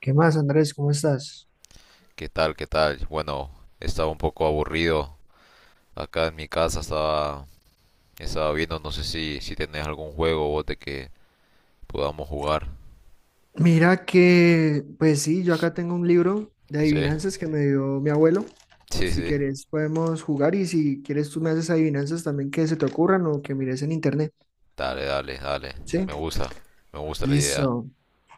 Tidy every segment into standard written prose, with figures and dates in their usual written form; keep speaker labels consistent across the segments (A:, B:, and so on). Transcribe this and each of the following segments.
A: ¿Qué más, Andrés? ¿Cómo estás?
B: ¿Qué tal? ¿Qué tal? Bueno, estaba un poco aburrido. Acá en mi casa estaba viendo, no sé si tenés algún juego vos de que podamos jugar.
A: Mira que, pues sí, yo acá tengo un libro de
B: ¿Sí?
A: adivinanzas que me dio mi abuelo.
B: Sí,
A: Si
B: sí.
A: quieres, podemos jugar y si quieres, tú me haces adivinanzas también que se te ocurran o que mires en internet.
B: Dale, dale, dale.
A: Sí,
B: Me gusta, me gusta la idea.
A: listo.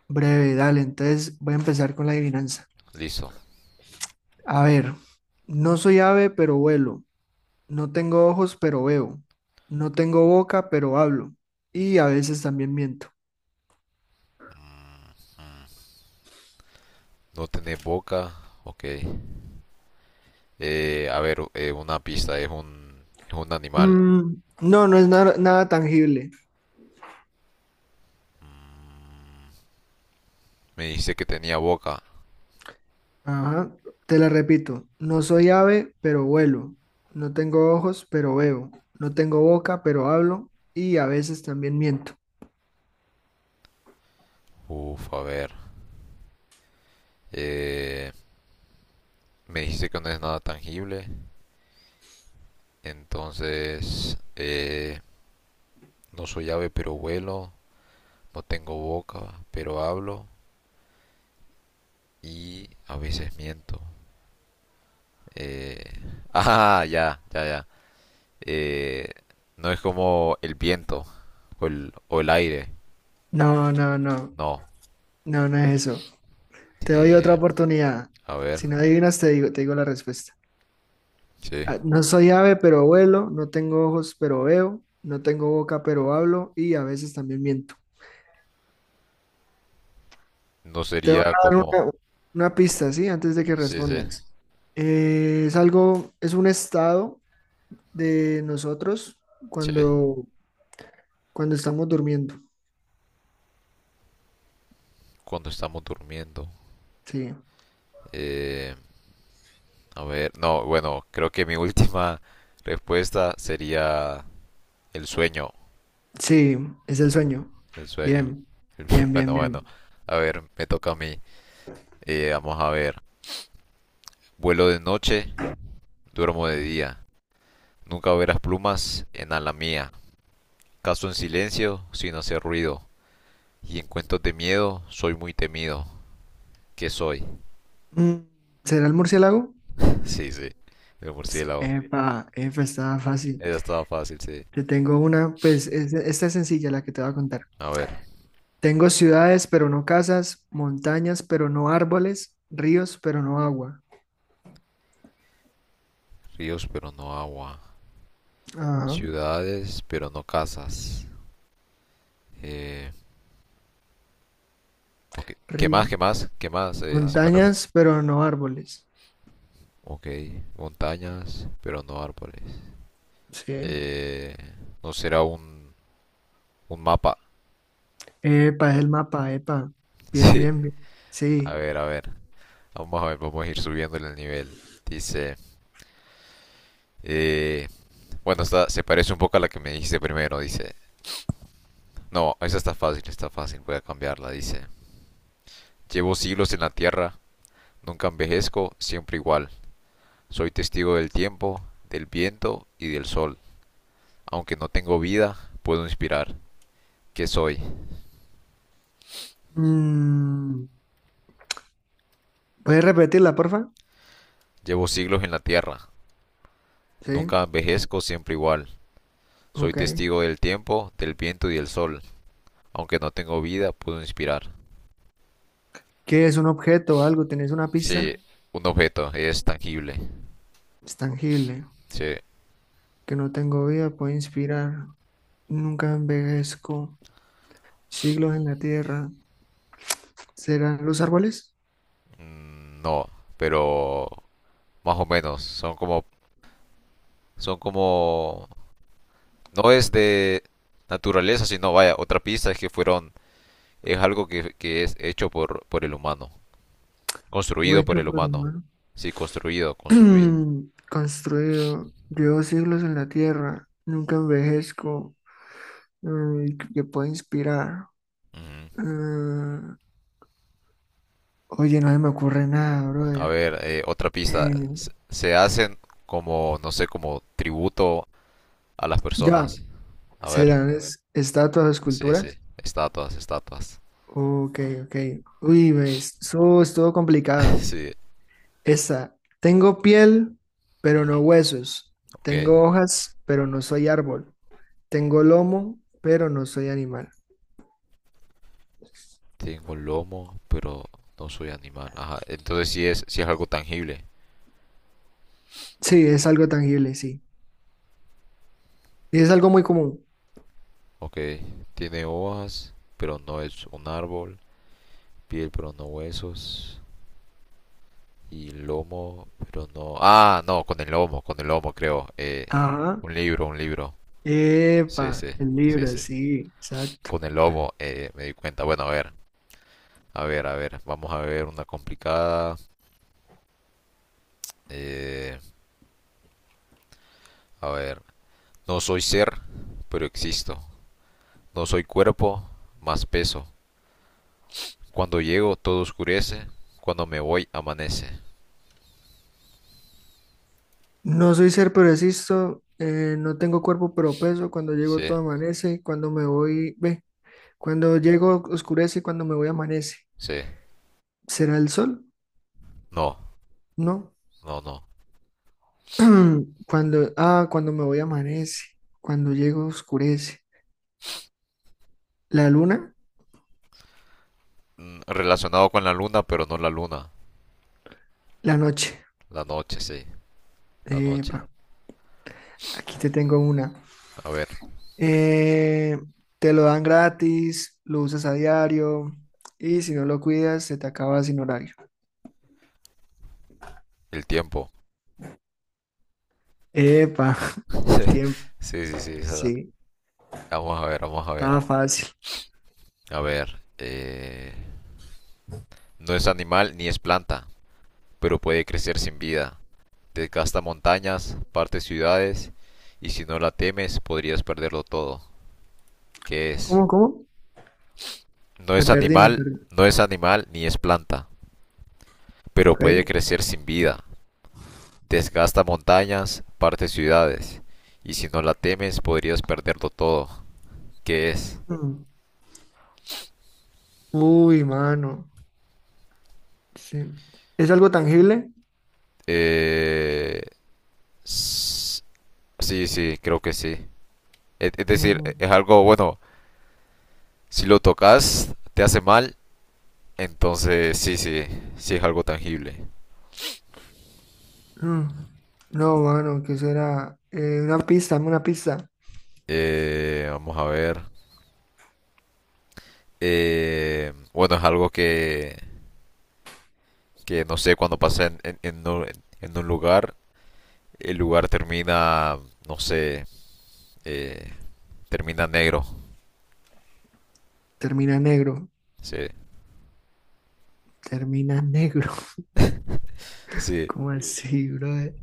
A: Breve, dale. Entonces voy a empezar con la adivinanza.
B: Listo.
A: A ver, no soy ave, pero vuelo. No tengo ojos, pero veo. No tengo boca, pero hablo. Y a veces también miento.
B: No tenés boca. Ok. A ver, una pista. Es un animal.
A: Mm, no, no es nada nada tangible.
B: Me dijiste que tenía boca.
A: Ajá, te la repito. No soy ave, pero vuelo. No tengo ojos, pero veo. No tengo boca, pero hablo. Y a veces también miento.
B: Uf, a ver. Eh, me dijiste que no es nada tangible. Entonces, no soy ave pero vuelo, no tengo boca pero hablo y a veces miento. Eh, Ah, ya, ya, ya. Eh, no es como el viento o el aire,
A: No, no, no.
B: no.
A: No, no es eso. Te doy
B: Eh,
A: otra oportunidad.
B: a ver,
A: Si no adivinas, te digo la respuesta.
B: sí.
A: Ah, no soy ave, pero vuelo. No tengo ojos, pero veo. No tengo boca, pero hablo. Y a veces también miento.
B: No
A: Te voy
B: sería
A: a dar
B: como,
A: una pista, ¿sí? Antes de que
B: sí, sí,
A: respondas. Es algo, es un estado de nosotros
B: sí,
A: cuando, cuando estamos durmiendo.
B: cuando estamos durmiendo.
A: Sí,
B: Eh, a ver, no, bueno, creo que mi última respuesta sería el sueño.
A: sí, es el sueño.
B: El sueño.
A: Bien, bien, bien,
B: Bueno, bueno.
A: bien.
B: A ver, me toca a mí. Vamos a ver. Vuelo de noche, duermo de día. Nunca verás plumas en ala mía. Caso en silencio, sin hacer ruido. Y en cuentos de miedo, soy muy temido. ¿Qué soy?
A: Mm, ¿será el murciélago?
B: Sí, sí. El
A: Sí.
B: murciélago.
A: Epa, epa, está fácil.
B: Esa estaba fácil, sí.
A: Te tengo una, pues esta es sencilla la que te voy a contar.
B: A ver.
A: Tengo ciudades, pero no casas, montañas, pero no árboles, ríos, pero no agua.
B: Ríos, pero no agua.
A: Ajá,
B: Ciudades, pero no casas. Eh, ok. ¿Qué más?
A: río.
B: ¿Qué más? ¿Qué más? Si me repet-
A: Montañas, pero no árboles.
B: Ok. Montañas, pero no árboles.
A: Sí.
B: Eh, no será un mapa.
A: Epa, es el mapa, epa. Bien,
B: Sí.
A: bien, bien.
B: A
A: Sí.
B: ver, a ver. Vamos a ver, vamos a ir subiéndole el nivel. Dice. eh, bueno, esta se parece un poco a la que me dijiste primero. Dice. No, esa está fácil, está fácil. Voy a cambiarla. Dice. Llevo siglos en la tierra. Nunca envejezco, siempre igual. Soy testigo del tiempo, del viento y del sol. Aunque no tengo vida, puedo inspirar. ¿Qué soy?
A: Mm, ¿puedes repetirla, porfa?
B: Llevo siglos en la tierra. Nunca
A: Sí,
B: envejezco, siempre igual. Soy
A: ok.
B: testigo del tiempo, del viento y del sol. Aunque no tengo vida, puedo inspirar.
A: ¿Qué es un objeto o algo? ¿Tenés una pista?
B: Sí, un objeto es tangible.
A: Es tangible.
B: Sí,
A: Que no tengo vida, puede inspirar. Nunca envejezco. Siglos en la tierra. ¿Serán los árboles?
B: mm, no, pero más o menos son como no es de naturaleza, sino vaya, otra pista es que fueron es algo que es hecho por el humano,
A: Algo
B: construido por
A: hecho
B: el
A: por el
B: humano.
A: humano.
B: Sí, construido, construido.
A: Construido. Llevo siglos en la tierra. Nunca envejezco. Mm, que puede inspirar.
B: Ujú.
A: Ah, oye, no se me ocurre nada,
B: A
A: brother.
B: ver, otra pista.
A: Eh,
B: Se hacen como, no sé, como tributo a las
A: ya,
B: personas. A ver,
A: ¿serán estatuas o
B: sí, sí,
A: esculturas?
B: estatuas, estatuas.
A: Ok, ok. Uy, ves, eso estuvo complicada.
B: Sí,
A: Esta. Tengo piel, pero
B: ujú,
A: no huesos.
B: ok.
A: Tengo hojas, pero no soy árbol. Tengo lomo, pero no soy animal.
B: Tengo lomo, pero no soy animal. Ajá, entonces sí es algo tangible.
A: Sí, es algo tangible, sí. Y es algo muy común.
B: Ok, tiene hojas, pero no es un árbol. Piel, pero no huesos. Y lomo, pero no. Ah, no, con el lomo creo.
A: Ajá.
B: Un libro, un libro. Sí, sí,
A: Epa, el
B: sí,
A: libro,
B: sí.
A: sí, exacto.
B: Con el lomo, me di cuenta. Bueno, a ver, a ver, a ver. Vamos a ver una complicada. Eh, a ver. No soy ser, pero existo. No soy cuerpo, más peso. Cuando llego todo oscurece, cuando me voy amanece.
A: No soy ser, pero existo. No tengo cuerpo, pero peso. Cuando llego
B: Sí,
A: todo amanece. Cuando me voy, ve. Cuando llego oscurece, y cuando me voy amanece.
B: sí.
A: ¿Será el sol?
B: No,
A: No.
B: no, no.
A: Cuando, ah, cuando me voy amanece. Cuando llego oscurece. La luna,
B: Mm, relacionado con la luna, pero no la luna.
A: la noche.
B: La noche, sí. La noche.
A: Epa, aquí te tengo una.
B: A ver,
A: Eh, Te lo dan gratis, lo usas a diario y si no lo cuidas, se te acaba sin horario.
B: el tiempo.
A: Epa, el tiempo.
B: Sí, sí, sí. esa
A: Sí,
B: Vamos a ver, vamos a ver.
A: estaba fácil.
B: A ver. No es animal ni es planta, pero puede crecer sin vida. Desgasta montañas, parte ciudades, y si no la temes podrías perderlo todo. ¿Qué es?
A: ¿Cómo, cómo? Me perdí, me perdí.
B: No es animal ni es planta, pero
A: Ok.
B: puede crecer sin vida. Desgasta montañas, parte ciudades, y si no la temes podrías perderlo todo. ¿Qué es?
A: Mm. Uy, mano. Sí. ¿Es algo tangible?
B: Eh... Sí, sí, creo que sí. Es decir,
A: Mm,
B: es algo bueno. Si lo tocas, te hace mal. Entonces, sí, sí, sí es algo tangible.
A: mm. No, mano, ¿qué será? Una pista, dame una pista.
B: Vamos a ver. Bueno, es algo que no sé, cuando pasa en un lugar, el lugar termina, no sé, eh, termina negro.
A: Termina negro.
B: Sí,
A: Termina negro.
B: sí.
A: ¿Cómo así, brother?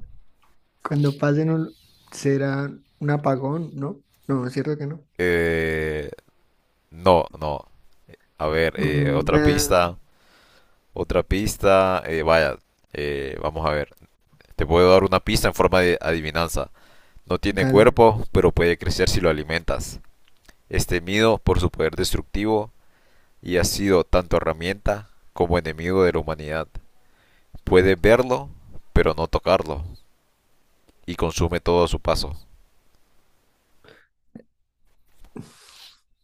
A: Cuando pasen un... será un apagón, ¿no? No, es cierto que no.
B: Eh, no, no. A ver,
A: Mm,
B: otra
A: eh,
B: pista, otra pista. Vaya, vamos a ver. Te puedo dar una pista en forma de adivinanza. No tiene
A: Dale.
B: cuerpo, pero puede crecer si lo alimentas. Es temido por su poder destructivo y ha sido tanto herramienta como enemigo de la humanidad. Puede verlo, pero no tocarlo, y consume todo a su paso.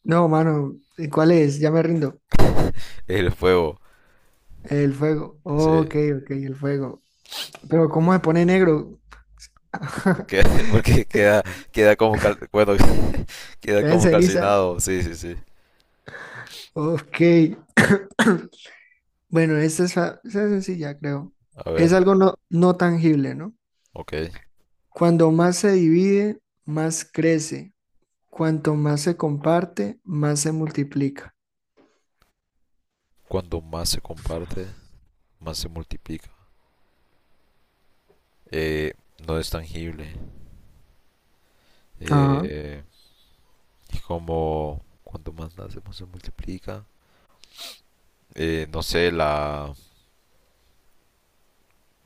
A: No, mano, ¿y ¿cuál es? Ya me rindo.
B: El fuego,
A: El fuego.
B: sí.
A: Ok, ok, el fuego. Pero ¿cómo se pone negro?
B: Queda- porque queda, queda como cal- bueno, queda
A: Queda en
B: como
A: ceniza.
B: calcinado, sí, sí, sí.
A: Ok. Bueno, esta es, esta es sencilla, creo.
B: A
A: Es
B: ver,
A: algo no, no tangible, ¿no?
B: ok.
A: Cuando más se divide, más crece. Cuanto más se comparte, más se multiplica.
B: Cuando más se comparte, más se multiplica. Eh, no es tangible.
A: Ajá.
B: Eh, como cuando más nace, más se multiplica. No sé, la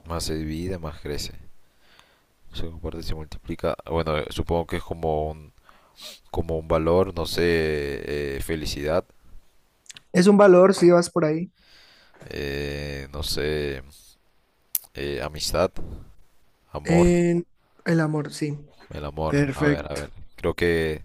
B: más se divide, más crece. Se comparte, se multiplica. Bueno, supongo que es como un valor, no sé, felicidad,
A: Es un valor si vas por ahí.
B: no sé, amistad, amor,
A: En el amor, sí.
B: el amor. A ver, a
A: Perfecto.
B: ver. Creo que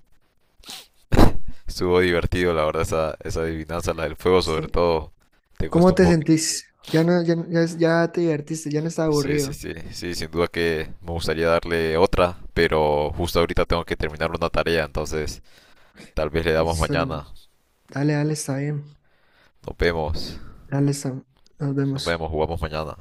B: estuvo divertido, la verdad, esa adivinanza, la del fuego sobre
A: Sí.
B: todo. Te
A: ¿Cómo
B: costó un
A: te
B: poco.
A: sentís? Ya no, ya, ya, ya te divertiste, ya no está
B: Sí, sí,
A: aburrido.
B: sí, sí, sin duda que me gustaría darle otra, pero justo ahorita tengo que terminar una tarea, entonces tal vez le damos
A: Listo.
B: mañana.
A: Dale, dale, está bien.
B: Nos vemos,
A: Dale, está. Nos
B: nos
A: vemos.
B: vemos, jugamos mañana.